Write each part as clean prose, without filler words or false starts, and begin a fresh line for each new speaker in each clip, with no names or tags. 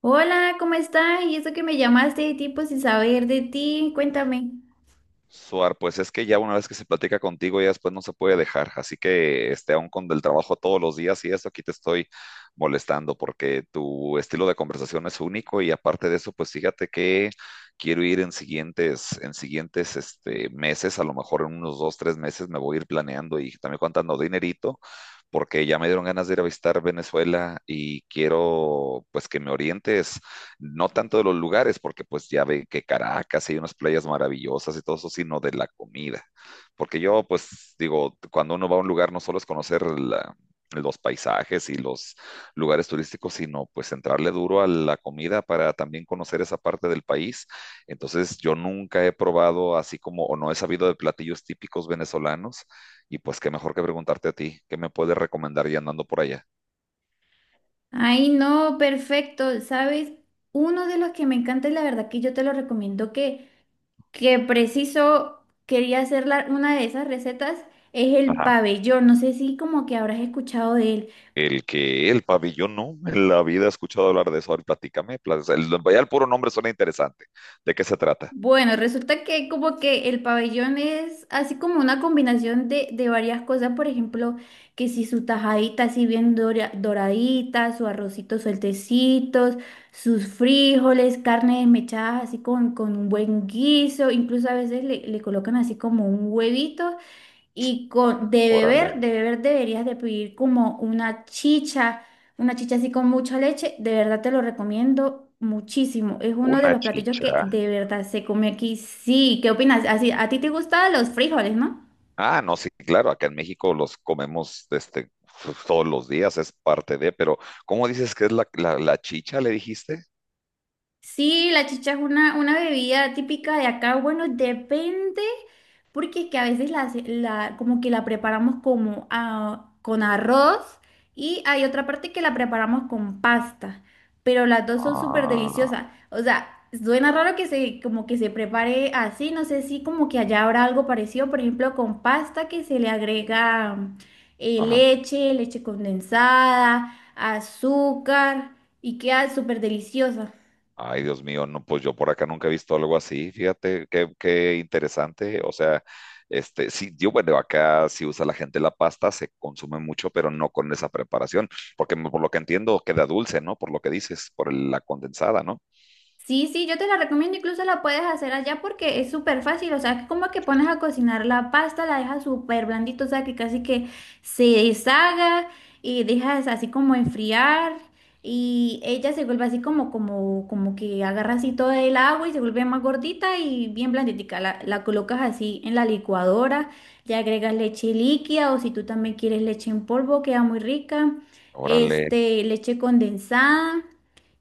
Hola, ¿cómo estás? Y eso que me llamaste de tipo sin saber de ti, cuéntame.
Suar, pues es que ya una vez que se platica contigo, ya después no se puede dejar. Así que, aún con el trabajo todos los días y eso, aquí te estoy molestando porque tu estilo de conversación es único y aparte de eso, pues fíjate que quiero ir en siguientes meses, a lo mejor en unos dos, tres meses me voy a ir planeando y también contando dinerito porque ya me dieron ganas de ir a visitar Venezuela y quiero, pues, que me orientes no tanto de los lugares, porque pues ya ve que Caracas hay unas playas maravillosas y todo eso, sino de la comida. Porque yo pues digo, cuando uno va a un lugar no solo es conocer los paisajes y los lugares turísticos, sino pues entrarle duro a la comida para también conocer esa parte del país. Entonces yo nunca he probado así como, o no he sabido de platillos típicos venezolanos, y pues qué mejor que preguntarte a ti, ¿qué me puedes recomendar ya andando por allá?
Ay, no, perfecto. ¿Sabes? Uno de los que me encanta y la verdad que yo te lo recomiendo que preciso quería hacer una de esas recetas es el pabellón. No sé si como que habrás escuchado de él.
El pabellón, no, en la vida he escuchado hablar de eso. Ahora platícame, ya el puro nombre suena interesante. ¿De qué se trata?
Bueno, resulta que como que el pabellón es así como una combinación de varias cosas, por ejemplo, que si su tajadita así bien doradita, su arrocito sueltecitos, sus frijoles, carne desmechada así con un buen guiso, incluso a veces le colocan así como un huevito y con,
Órale,
de beber deberías de pedir como una chicha así con mucha leche. De verdad te lo recomiendo muchísimo. Es uno de
una
los platillos que
chicha.
de verdad se come aquí. Sí, ¿qué opinas? Así, a ti te gustan los frijoles, ¿no?
Ah, no, sí, claro, acá en México los comemos todos los días, es parte de, pero ¿cómo dices que es la chicha, le dijiste?
Sí, la chicha es una bebida típica de acá. Bueno, depende, porque es que a veces como que la preparamos como con arroz y hay otra parte que la preparamos con pasta, pero las dos son súper
Ah,
deliciosas. O sea, suena raro que se como que se prepare así, no sé si como que allá habrá algo parecido, por ejemplo, con pasta que se le agrega
ajá.
leche, leche condensada, azúcar y queda súper deliciosa.
Ay, Dios mío, no, pues yo por acá nunca he visto algo así, fíjate, qué interesante. O sea, sí, yo, bueno, acá sí usa la gente la pasta, se consume mucho, pero no con esa preparación, porque por lo que entiendo queda dulce, ¿no? Por lo que dices, por la condensada, ¿no?
Sí, sí, yo te la recomiendo, incluso la puedes hacer allá porque es súper fácil, o sea, que como que pones a cocinar la pasta, la dejas súper blandito, o sea, que casi que se deshaga y dejas así como enfriar y ella se vuelve así como que agarra así todo el agua y se vuelve más gordita y bien blanditica, la colocas así en la licuadora, le agregas leche líquida o si tú también quieres leche en polvo, queda muy rica,
Órale,
este, leche condensada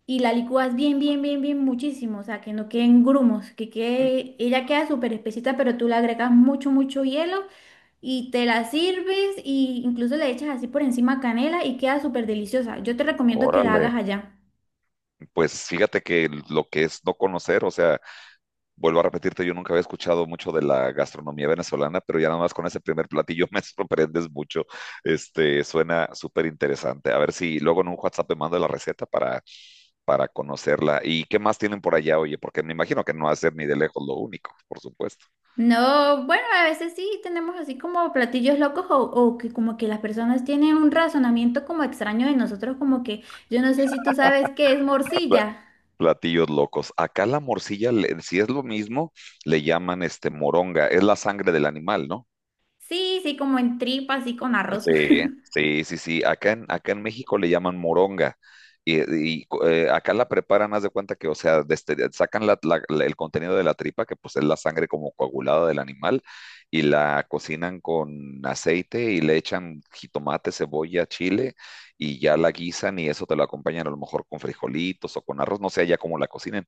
y la licúas bien, bien, bien, bien muchísimo, o sea, que no queden grumos, que
mm,
quede, ella queda súper espesita, pero tú le agregas mucho, mucho hielo y te la sirves y incluso le echas así por encima canela y queda súper deliciosa. Yo te recomiendo que la
órale.
hagas allá.
Pues fíjate que lo que es no conocer, o sea, vuelvo a repetirte, yo nunca había escuchado mucho de la gastronomía venezolana, pero ya nada más con ese primer platillo me sorprendes mucho. Suena súper interesante. A ver si luego en un WhatsApp me mando la receta para conocerla. ¿Y qué más tienen por allá, oye? Porque me imagino que no va a ser ni de lejos lo único, por supuesto.
No, bueno, a veces sí tenemos así como platillos locos o que como que las personas tienen un razonamiento como extraño de nosotros, como que yo no sé si tú sabes qué es
Pla-
morcilla.
Platillos locos. Acá la morcilla, si es lo mismo, le llaman moronga. Es la sangre del animal, ¿no?
Sí, sí, como en tripa, así con arroz.
Sí, sí, sí, sí. Acá en México le llaman moronga. Y, acá la preparan, haz de cuenta que, o sea, sacan el contenido de la tripa, que pues es la sangre como coagulada del animal, y la cocinan con aceite y le echan jitomate, cebolla, chile, y ya la guisan y eso te lo acompañan a lo mejor con frijolitos o con arroz, no sé ya cómo la cocinen.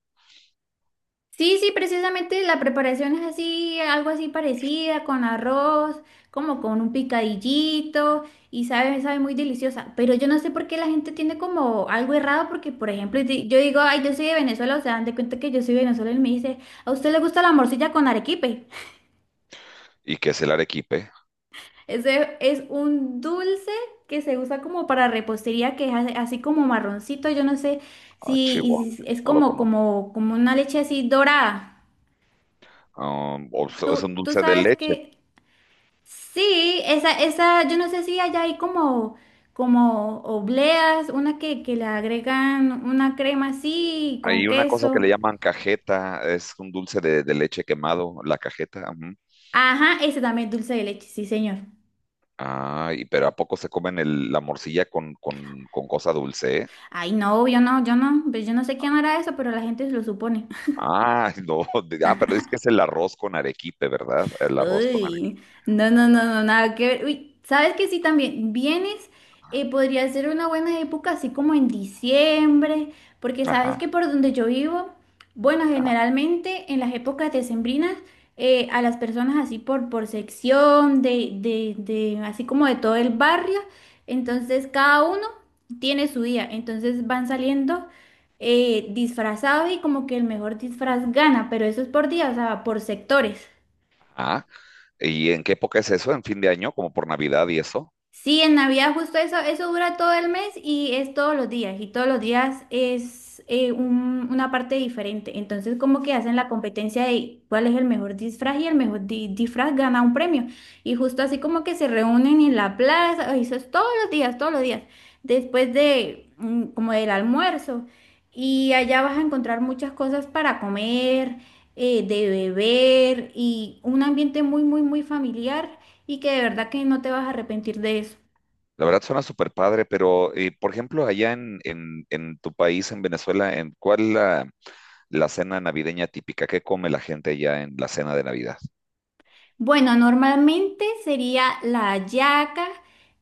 Sí, sí, precisamente la preparación es así, algo así parecida, con arroz, como con un picadillito y sabe, sabe muy deliciosa. Pero yo no sé por qué la gente tiene como algo errado, porque por ejemplo, yo digo, ay, yo soy de Venezuela, o sea, dan de cuenta que yo soy venezolana y me dice, ¿a usted le gusta la morcilla con arequipe?
¿Y que es el arequipe?
Ese es un dulce que se usa como para repostería, que es así como marroncito, yo no sé
Ah,
si y
Chihuahua,
si es
no lo conozco.
como una leche así dorada.
Ah, o sea, es
¿Tú,
un
tú
dulce de
sabes
leche.
que sí, esa, yo no sé si allá hay como, como obleas, una que le agregan una crema así con
Hay una cosa que
queso.
le llaman cajeta, es un dulce de leche quemado, la cajeta. Ujú.
Ajá, ese también es dulce de leche, sí, señor.
Ah, y pero ¿a poco se comen la morcilla con cosa dulce? ¿Eh?
Ay, no, yo no, yo no, pues yo no sé quién hará eso, pero la gente lo supone.
Ah, no, pero es que es el arroz con arequipe, ¿verdad? El arroz con arequipe.
Uy, no, no, no, no, nada que ver. Uy, ¿sabes que sí también? Vienes, podría ser una buena época, así como en diciembre, porque sabes
Ajá,
que por donde yo vivo, bueno,
ajá,
generalmente en las épocas decembrinas, a las personas así por sección, así como de todo el barrio, entonces cada uno tiene su día, entonces van saliendo disfrazados y como que el mejor disfraz gana, pero eso es por día, o sea, por sectores.
ajá. ¿Y en qué época es eso? ¿En fin de año? ¿Como por Navidad y eso?
Sí, en Navidad justo eso, eso dura todo el mes y es todos los días, y todos los días es una parte diferente. Entonces, como que hacen la competencia de cuál es el mejor disfraz y el mejor disfraz gana un premio. Y justo así como que se reúnen en la plaza, eso es todos los días, después de como del almuerzo. Y allá vas a encontrar muchas cosas para comer, de beber y un ambiente muy, muy, muy familiar y que de verdad que no te vas a arrepentir de eso.
La verdad suena súper padre, pero por ejemplo, allá en tu país, en Venezuela, ¿en cuál es la cena navideña típica? ¿Qué come la gente allá en la cena de Navidad?
Bueno, normalmente sería la hallaca,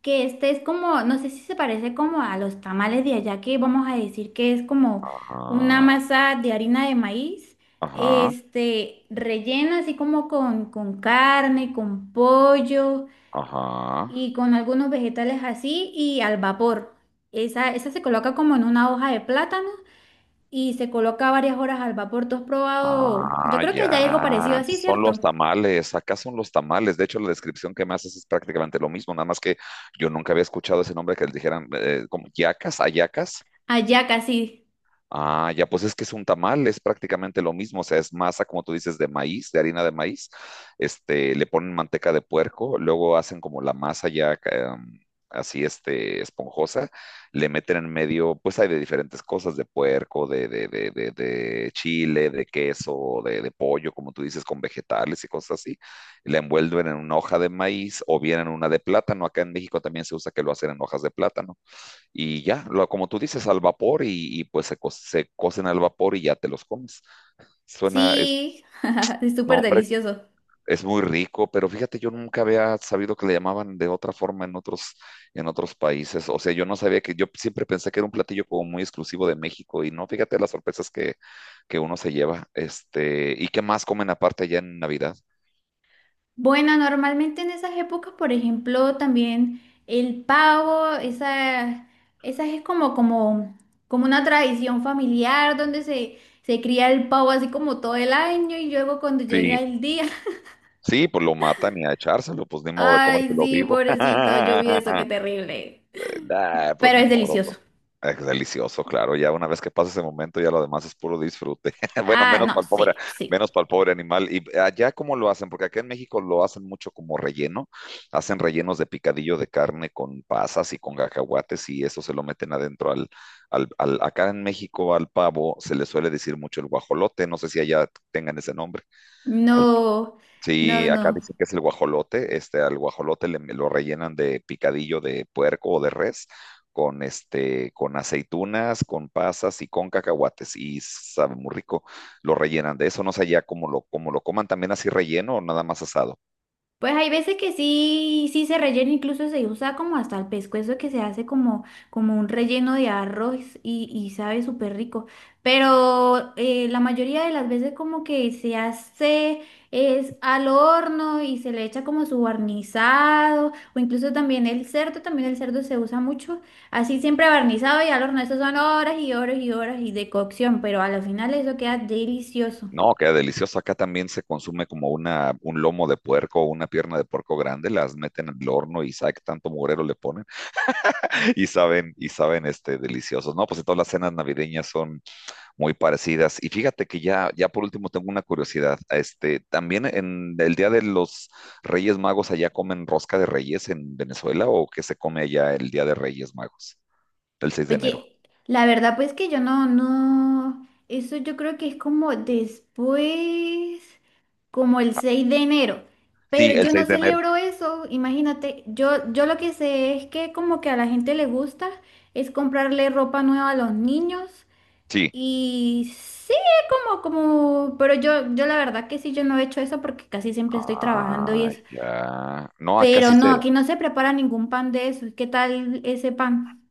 que este es como, no sé si se parece como a los tamales de allá, que vamos a decir que es como una
Ajá.
masa de harina de maíz,
Ajá,
este, rellena así como con carne, con pollo
ajá.
y con algunos vegetales así y al vapor. Esa se coloca como en una hoja de plátano y se coloca varias horas al vapor. ¿Tú has probado? Yo
Ah,
creo que allá hay algo parecido
ya.
así,
Son los
¿cierto?
tamales. Acá son los tamales. De hecho, la descripción que me haces es prácticamente lo mismo, nada más que yo nunca había escuchado ese nombre que les dijeran como yacas, ayacas.
Allá casi.
Ah, ya, pues es que es un tamal, es prácticamente lo mismo, o sea, es masa, como tú dices, de maíz, de harina de maíz, le ponen manteca de puerco, luego hacen como la masa así, esponjosa, le meten en medio, pues hay de diferentes cosas, de puerco, de chile, de queso, de pollo, como tú dices, con vegetales y cosas así, la envuelven en una hoja de maíz o bien en una de plátano, acá en México también se usa que lo hacen en hojas de plátano y ya, como tú dices, al vapor pues se cocen al vapor y ya te los comes. Suena,
Sí, es
no,
súper
hombre,
delicioso.
es muy rico, pero fíjate, yo nunca había sabido que le llamaban de otra forma en otros países. O sea, yo no sabía que, yo siempre pensé que era un platillo como muy exclusivo de México y no, fíjate las sorpresas que uno se lleva. ¿Y qué más comen aparte allá en Navidad?
Bueno, normalmente en esas épocas, por ejemplo, también el pavo, esa es como una tradición familiar donde se cría el pavo así como todo el año y luego cuando
Sí.
llega el día,
Sí, pues lo matan y a echárselo, pues ni modo de
ay,
comértelo
sí,
vivo.
pobrecito, yo vi eso, qué terrible.
Nah, pues
Pero
ni
es
modo.
delicioso.
Pues. Es delicioso, claro. Ya una vez que pasa ese momento, ya lo demás es puro disfrute. Bueno,
Ah, no, sí, sí.
menos para el pobre animal. ¿Y allá cómo lo hacen? Porque acá en México lo hacen mucho como relleno. Hacen rellenos de picadillo de carne con pasas y con cacahuates y eso se lo meten adentro acá en México al pavo se le suele decir mucho el guajolote. No sé si allá tengan ese nombre.
No, no,
Sí, acá
no.
dicen que es el guajolote. Al guajolote lo rellenan de picadillo de puerco o de res, con aceitunas, con pasas y con cacahuates. Y sabe muy rico. Lo rellenan de eso. No sé ya cómo lo coman también así relleno o nada más asado.
Pues hay veces que sí, sí se rellena, incluso se usa como hasta el pescuezo que se hace como, como un relleno de arroz y sabe súper rico. Pero la mayoría de las veces como que se hace es al horno y se le echa como su barnizado o incluso también el cerdo se usa mucho. Así siempre barnizado y al horno, eso son horas y horas y horas y de cocción, pero al final eso queda delicioso.
No, queda delicioso. Acá también se consume como un lomo de puerco o una pierna de puerco grande. Las meten al horno y sabe qué tanto mugrero le ponen. Deliciosos. No, pues todas las cenas navideñas son muy parecidas. Y fíjate que ya por último tengo una curiosidad. También en el Día de los Reyes Magos, ¿allá comen rosca de reyes en Venezuela o qué se come allá el Día de Reyes Magos? El 6 de enero.
Oye, la verdad pues que yo no, no, eso yo creo que es como después, como el 6 de enero, pero
Sí, el
yo no
6 de enero.
celebro eso, imagínate, yo lo que sé es que como que a la gente le gusta es comprarle ropa nueva a los niños
Sí.
y sí, como, como, pero yo la verdad que sí, yo no he hecho eso porque casi siempre estoy trabajando y
Ah,
eso,
ya. No,
pero no, aquí no se prepara ningún pan de eso, ¿qué tal ese pan?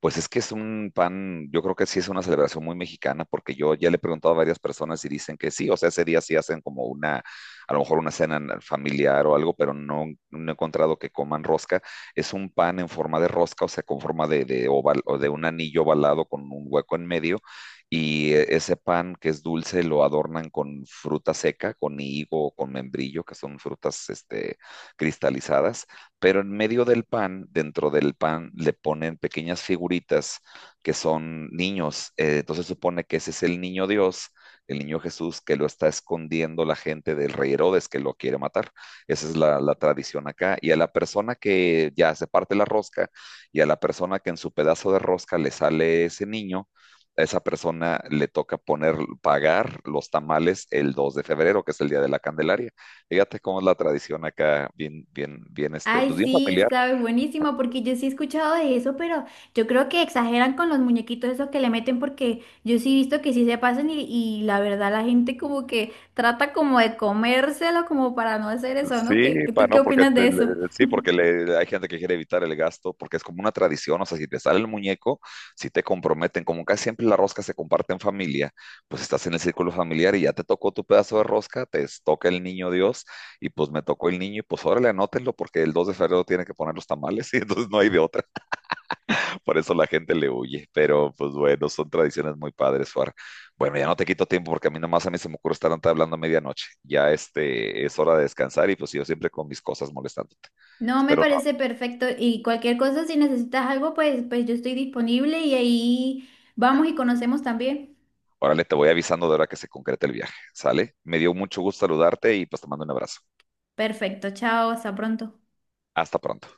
pues es que es un pan, yo creo que sí es una celebración muy mexicana, porque yo ya le he preguntado a varias personas y dicen que sí, o sea, ese día sí hacen como a lo mejor una cena familiar o algo, pero no, no he encontrado que coman rosca. Es un pan en forma de rosca, o sea, con forma de oval o de un anillo ovalado con un hueco en medio, y ese pan que es dulce lo adornan con fruta seca, con higo, con membrillo, que son frutas, cristalizadas pero en medio del pan, dentro del pan, le ponen pequeñas figuritas que son niños. Entonces supone que ese es el niño Dios, el niño Jesús, que lo está escondiendo la gente del rey Herodes, que lo quiere matar. Esa es la tradición acá. Y a la persona que ya se parte la rosca, y a la persona que en su pedazo de rosca le sale ese niño, a esa persona le toca poner, pagar los tamales el 2 de febrero, que es el día de la Candelaria. Fíjate cómo es la tradición acá, bien, bien, bien, pues
Ay,
bien
sí,
familiar.
sabes, buenísimo, porque yo sí he escuchado de eso, pero yo creo que exageran con los muñequitos esos que le meten, porque yo sí he visto que sí se pasan y la verdad la gente como que trata como de comérselo como para no hacer eso, ¿no?
Sí,
¿Qué, tú qué
no, porque
opinas de eso?
sí, porque hay gente que quiere evitar el gasto, porque es como una tradición, o sea, si te sale el muñeco, si te comprometen, como casi siempre la rosca se comparte en familia, pues estás en el círculo familiar y ya te tocó tu pedazo de rosca, te toca el niño Dios, y pues me tocó el niño, y pues órale, anótenlo, porque el 2 de febrero tiene que poner los tamales, y entonces no hay de otra. Por eso la gente le huye, pero pues bueno, son tradiciones muy padres, Suar. Bueno, ya no te quito tiempo porque a mí nomás a mí se me ocurre estar hablando a medianoche. Ya este es hora de descansar y pues yo siempre con mis cosas molestándote.
No, me
Espero no.
parece perfecto y cualquier cosa, si necesitas algo, pues, pues yo estoy disponible y ahí vamos y conocemos también.
Órale, te voy avisando de hora que se concrete el viaje, ¿sale? Me dio mucho gusto saludarte y pues te mando un abrazo.
Perfecto, chao, hasta pronto.
Hasta pronto.